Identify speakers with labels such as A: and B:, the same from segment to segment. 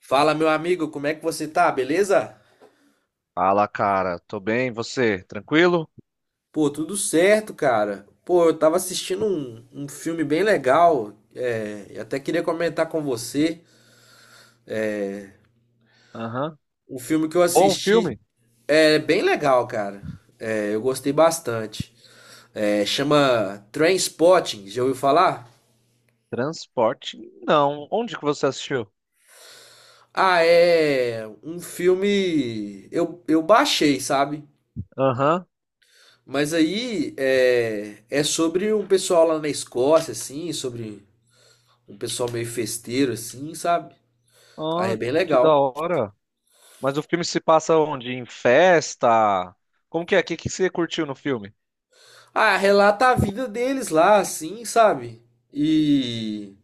A: Fala, meu amigo, como é que você tá? Beleza?
B: Fala, cara. Tô bem, você? Tranquilo?
A: Pô, tudo certo, cara. Pô, eu tava assistindo um filme bem legal. É, eu até queria comentar com você.
B: Aham.
A: Um filme que eu
B: Bom
A: assisti
B: filme?
A: é bem legal, cara. É, eu gostei bastante. É, chama Trainspotting, já ouviu falar?
B: Transporte? Não. Onde que você assistiu?
A: Ah, é um filme. Eu baixei, sabe?
B: Aham.
A: Mas aí é sobre um pessoal lá na Escócia, assim, sobre um pessoal meio festeiro, assim, sabe? Aí é
B: Ah,
A: bem
B: que da
A: legal.
B: hora. Mas o filme se passa onde? Em festa? Como que é? O que que você curtiu no filme?
A: Ah, relata a vida deles lá, assim, sabe? E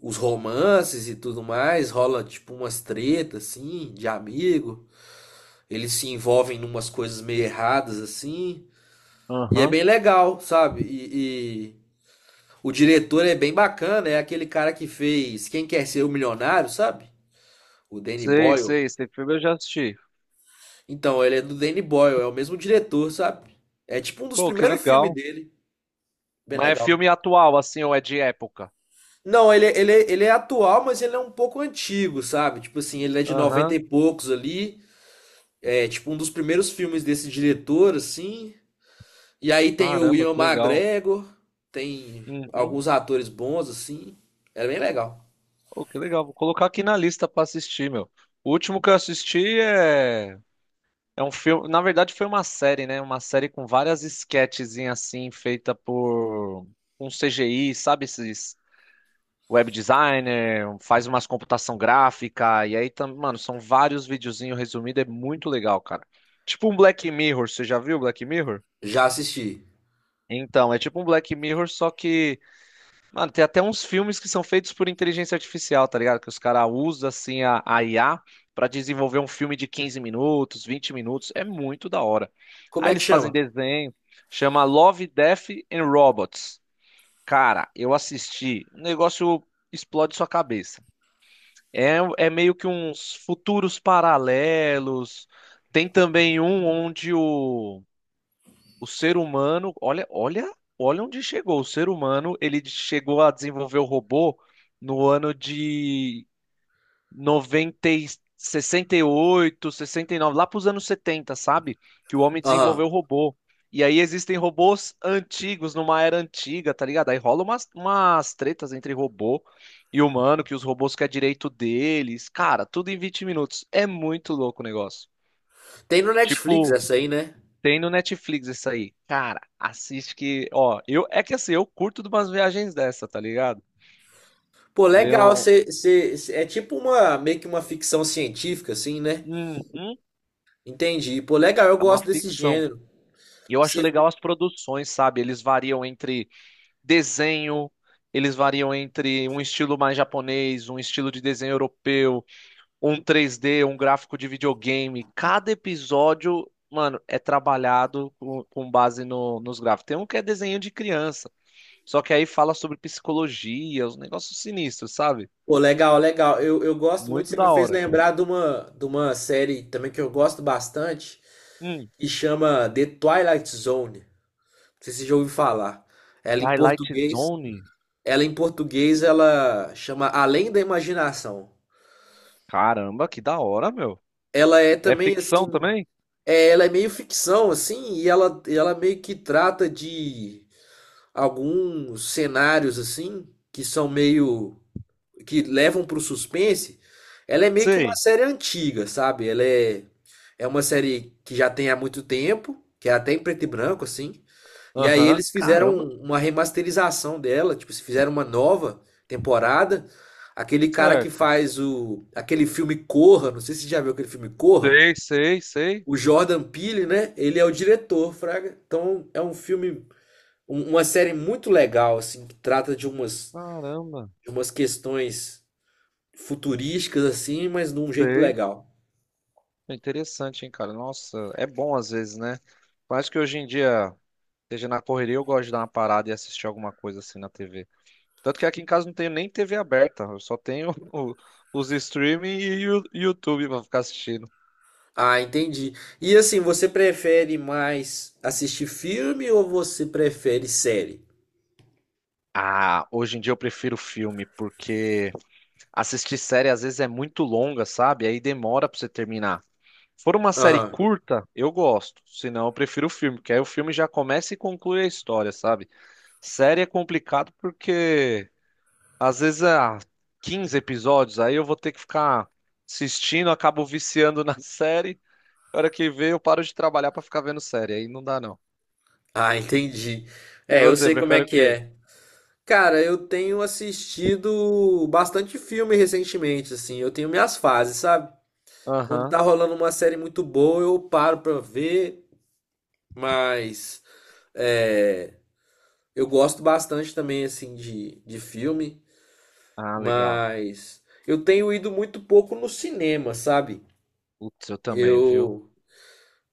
A: os romances e tudo mais, rola tipo umas tretas, assim, de amigo. Eles se envolvem em umas coisas meio erradas, assim. E é
B: Aham.
A: bem legal, sabe? E o diretor é bem bacana, é aquele cara que fez Quem Quer Ser o Milionário, sabe? O Danny
B: Sei,
A: Boyle.
B: sei. Esse filme eu já assisti.
A: Então, ele é do Danny Boyle, é o mesmo diretor, sabe? É tipo um dos
B: Pô, que
A: primeiros filmes
B: legal.
A: dele. Bem
B: Mas é
A: legal.
B: filme atual, assim, ou é de época?
A: Não, ele é atual, mas ele é um pouco antigo, sabe? Tipo assim, ele é de 90
B: Aham.
A: e poucos ali. É tipo um dos primeiros filmes desse diretor, assim. E aí tem o
B: Caramba,
A: Ian
B: que legal.
A: McGregor, tem
B: Uhum.
A: alguns atores bons, assim. Era bem legal.
B: Pô, que legal. Vou colocar aqui na lista pra assistir, meu. O último que eu assisti é é um filme, na verdade foi uma série, né? Uma série com várias sketchzinhas assim, feita por um CGI, sabe? Esses web designer, faz umas computação gráfica, e aí, mano, são vários videozinhos resumidos, é muito legal, cara. Tipo um Black Mirror, você já viu Black Mirror?
A: Já assisti.
B: Então, é tipo um Black Mirror, só que mano, tem até uns filmes que são feitos por inteligência artificial, tá ligado? Que os caras usam, assim, a IA pra desenvolver um filme de 15 minutos, 20 minutos. É muito da hora.
A: Como
B: Aí
A: é que
B: eles fazem
A: chama?
B: desenho, chama Love, Death and Robots. Cara, eu assisti, o negócio explode sua cabeça. É, é meio que uns futuros paralelos. Tem também um onde o ser humano, olha, olha, olha onde chegou. O ser humano, ele chegou a desenvolver o robô no ano de 90 e sessenta, 68, 69, lá para os anos 70, sabe? Que o homem desenvolveu o
A: Aham.
B: robô. E aí existem robôs antigos, numa era antiga, tá ligado? Aí rola umas tretas entre robô e humano, que os robôs querem direito deles. Cara, tudo em 20 minutos. É muito louco o negócio.
A: Tem no Netflix
B: Tipo,
A: essa aí, né?
B: tem no Netflix isso aí. Cara, assiste que, ó, eu é que assim, eu curto de umas viagens dessa, tá ligado?
A: Pô,
B: Ver
A: legal.
B: um,
A: É tipo uma, meio que uma ficção científica, assim, né?
B: uhum,
A: Entendi. Pô, legal, eu
B: é uma
A: gosto desse
B: ficção.
A: gênero.
B: E eu acho legal as produções, sabe? Eles variam entre desenho, eles variam entre um estilo mais japonês, um estilo de desenho europeu, um 3D, um gráfico de videogame. Cada episódio, mano, é trabalhado com base nos gráficos. Tem um que é desenho de criança. Só que aí fala sobre psicologia, os negócios sinistros, sabe?
A: Pô, legal, legal. Eu gosto muito,
B: Muito
A: você me
B: da
A: fez
B: hora.
A: lembrar de uma série também que eu gosto bastante,
B: Hum,
A: que chama The Twilight Zone. Não sei se você já ouviu falar. Ela em
B: Twilight
A: português,
B: Zone.
A: ela em português, ela chama Além da Imaginação.
B: Caramba, que da hora, meu.
A: Ela é
B: É
A: também
B: ficção
A: assim,
B: também?
A: é, ela é meio ficção assim, e ela meio que trata de alguns cenários assim que são meio que levam pro suspense, ela é meio que uma
B: Sei.
A: série antiga, sabe? É uma série que já tem há muito tempo, que é até em preto e branco, assim. E aí
B: Aham.
A: eles fizeram
B: Caramba.
A: uma remasterização dela, tipo, se fizeram uma nova temporada. Aquele cara que
B: Certo.
A: faz o, aquele filme Corra, não sei se você já viu aquele filme Corra,
B: Sei, sei, sei.
A: o Jordan Peele, né? Ele é o diretor, Fraga. Então é um filme, uma série muito legal, assim, que trata
B: Caramba.
A: de umas questões futurísticas assim, mas de um jeito
B: Sei.
A: legal.
B: É interessante, hein, cara? Nossa, é bom às vezes, né? Eu acho que hoje em dia, seja na correria, eu gosto de dar uma parada e assistir alguma coisa assim na TV. Tanto que aqui em casa não tenho nem TV aberta, eu só tenho os streaming e o YouTube pra ficar assistindo.
A: Ah, entendi. E assim, você prefere mais assistir filme ou você prefere série?
B: Ah, hoje em dia eu prefiro filme, porque assistir série às vezes é muito longa, sabe? Aí demora pra você terminar. Se for uma série
A: Aham.
B: curta, eu gosto. Se não, eu prefiro o filme, porque aí o filme já começa e conclui a história, sabe? Série é complicado porque às vezes há 15 episódios, aí eu vou ter que ficar assistindo, acabo viciando na série. Na hora que vê, eu paro de trabalhar pra ficar vendo série. Aí não dá, não.
A: Ah, entendi.
B: E
A: É, eu
B: você,
A: sei como é
B: prefere o
A: que
B: quê?
A: é. Cara, eu tenho assistido bastante filme recentemente, assim. Eu tenho minhas fases, sabe? Quando
B: Aham.
A: tá rolando uma série muito boa, eu paro pra ver, mas é, eu gosto bastante também, assim, de filme.
B: Ah, legal.
A: Mas eu tenho ido muito pouco no cinema, sabe?
B: Putz, eu também, viu?
A: Eu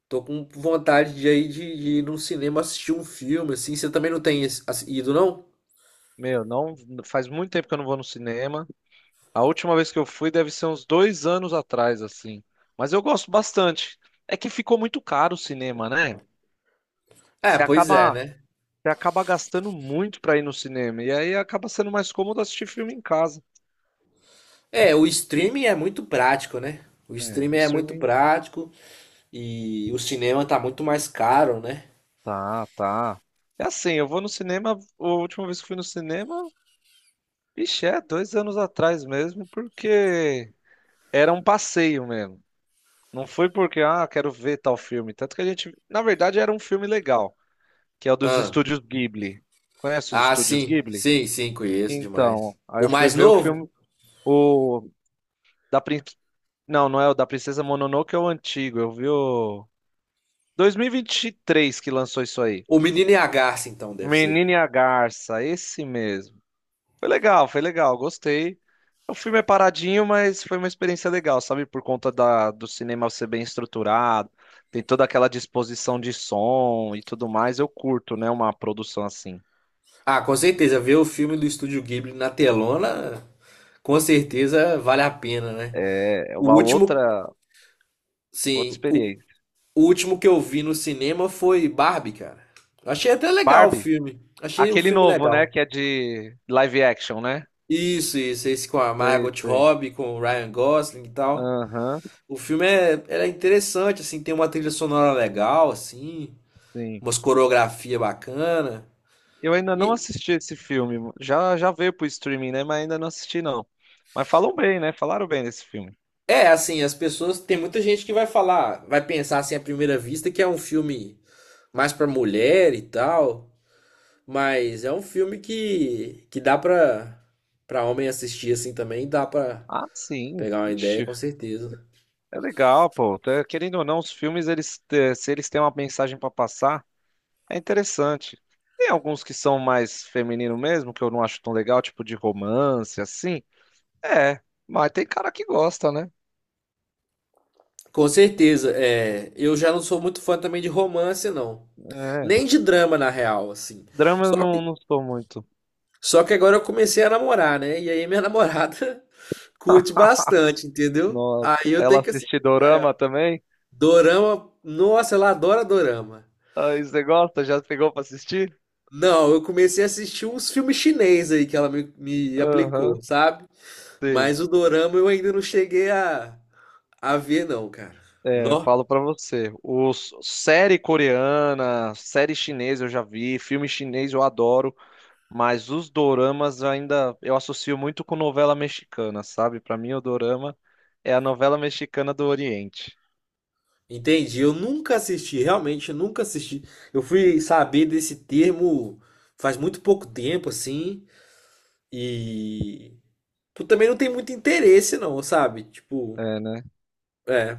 A: tô com vontade de, aí de ir num cinema assistir um filme, assim. Você também não tem esse- ido, não?
B: Meu, não faz muito tempo que eu não vou no cinema. A última vez que eu fui deve ser uns 2 anos atrás, assim. Mas eu gosto bastante. É que ficou muito caro o cinema, né?
A: É,
B: Você
A: pois é,
B: acaba,
A: né?
B: você acaba gastando muito pra ir no cinema. E aí acaba sendo mais cômodo assistir filme em casa.
A: É, o streaming é muito prático, né? O
B: É, o
A: streaming é muito
B: streaming.
A: prático e o cinema tá muito mais caro, né?
B: Tá, tá. É assim, eu vou no cinema. A última vez que fui no cinema, vixe, é 2 anos atrás mesmo, porque era um passeio mesmo. Não foi porque, ah, quero ver tal filme. Tanto que a gente, na verdade, era um filme legal, que é o dos
A: Ah,
B: estúdios Ghibli. Conhece os estúdios
A: sim,
B: Ghibli?
A: sim, sim, conheço demais.
B: Então, aí
A: O
B: eu fui
A: mais
B: ver o
A: novo?
B: filme, o da Prin... Não, não é o da Princesa Mononoke, é o antigo. Eu vi o dois mil e vinte e três que lançou isso aí.
A: O Menino e a Garça, então, deve ser.
B: Menina e a Garça, esse mesmo. Foi legal, gostei. O filme é paradinho, mas foi uma experiência legal, sabe? Por conta da, do cinema ser bem estruturado, tem toda aquela disposição de som e tudo mais. Eu curto, né? Uma produção assim.
A: Ah, com certeza, ver o filme do Estúdio Ghibli na telona com certeza vale a pena, né?
B: É
A: O
B: uma
A: último,
B: outra, outra
A: sim, o,
B: experiência.
A: o último que eu vi no cinema foi Barbie, cara. Achei até legal o
B: Barbie,
A: filme. Achei o
B: aquele
A: filme
B: novo, né?
A: legal.
B: Que é de live action, né?
A: Isso, esse com a
B: Sei,
A: Margot
B: sei.
A: Robbie, com o Ryan Gosling e tal.
B: Aham,
A: O filme é, ele é interessante, assim, tem uma trilha sonora legal, assim,
B: sim.
A: umas coreografia bacana.
B: Eu ainda não
A: E
B: assisti esse filme. Já, já veio pro streaming, né? Mas ainda não assisti, não. Mas falam bem, né? Falaram bem desse filme.
A: é assim, as pessoas, tem muita gente que vai falar, vai pensar assim à primeira vista que é um filme mais pra mulher e tal. Mas é um filme que dá pra, pra homem assistir assim também, dá pra
B: Ah, sim.
A: pegar uma ideia,
B: Ixi,
A: com certeza.
B: é legal, pô. Tá- querendo ou não, os filmes, eles, se eles têm uma mensagem pra passar, é interessante. Tem alguns que são mais feminino mesmo, que eu não acho tão legal, tipo de romance, assim. É, mas tem cara que gosta, né?
A: Com certeza, é, eu já não sou muito fã também de romance, não.
B: É.
A: Nem de drama, na real, assim.
B: Drama eu
A: Só
B: não,
A: que,
B: não sou muito.
A: só que agora eu comecei a namorar, né? E aí minha namorada curte bastante, entendeu?
B: Nossa.
A: Aí eu
B: Ela
A: tenho que assistir
B: assiste
A: com ela.
B: dorama também?
A: Dorama, nossa, ela adora dorama.
B: Aí você gosta? Já pegou pra assistir?
A: Não, eu comecei a assistir uns filmes chinês aí que ela me aplicou,
B: Aham.
A: sabe?
B: Sim.
A: Mas o dorama eu ainda não cheguei a ver, não, cara.
B: É, eu
A: Nó,
B: falo pra você. Os, série coreana, série chinesa eu já vi, filme chinês eu adoro. Mas os doramas ainda eu associo muito com novela mexicana, sabe? Pra mim, o dorama é a novela mexicana do Oriente.
A: entendi. Eu nunca assisti, realmente, eu nunca assisti. Eu fui saber desse termo faz muito pouco tempo, assim, e tu também não tem muito interesse, não, sabe? Tipo,
B: É, né?
A: é.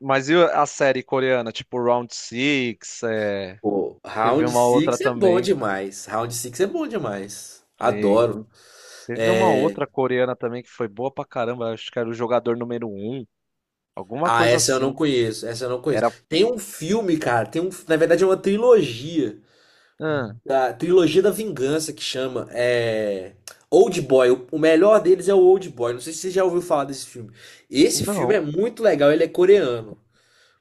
B: Mas e a série coreana, tipo Round Six, é,
A: Pô,
B: teve
A: Round
B: uma outra
A: Six é bom
B: também,
A: demais. Round Six é bom demais.
B: sim.
A: Adoro.
B: Teve uma outra coreana também que foi boa pra caramba, acho que era o jogador número um. Alguma
A: Ah,
B: coisa
A: essa eu não
B: assim.
A: conheço. Essa eu não conheço.
B: Era.
A: Tem um filme, cara. Tem um, na verdade, é uma trilogia.
B: Ah,
A: Da trilogia da vingança que chama é Old Boy. O melhor deles é o Old Boy. Não sei se você já ouviu falar desse filme. Esse filme
B: não.
A: é muito legal, ele é coreano.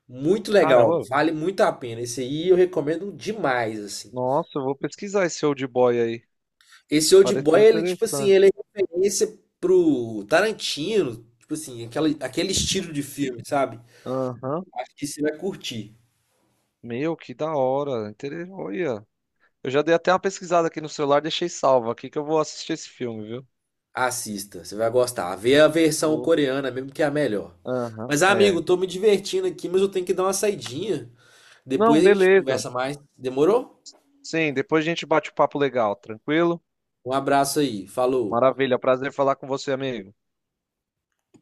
A: Muito legal,
B: Caramba.
A: vale muito a pena. Esse aí eu recomendo demais, assim.
B: Nossa, eu vou pesquisar esse old boy aí.
A: Esse Old Boy,
B: Pareceu
A: ele, tipo assim, ele é
B: interessante.
A: referência pro Tarantino, tipo assim, aquela, aquele estilo de filme, sabe?
B: Aham.
A: Acho que você vai curtir.
B: Meu, que da hora. Inter... Olha. Eu já dei até uma pesquisada aqui no celular, deixei salvo aqui que eu vou assistir esse filme, viu?
A: Assista, você vai gostar. Vê a versão
B: O-
A: coreana mesmo que é a melhor.
B: Aham,
A: Mas, amigo,
B: é.
A: tô me divertindo aqui, mas eu tenho que dar uma saidinha.
B: Não,
A: Depois a gente
B: beleza.
A: conversa mais. Demorou?
B: Sim, depois a gente bate o papo legal, tranquilo?
A: Um abraço aí. Falou.
B: Maravilha, prazer falar com você, amigo.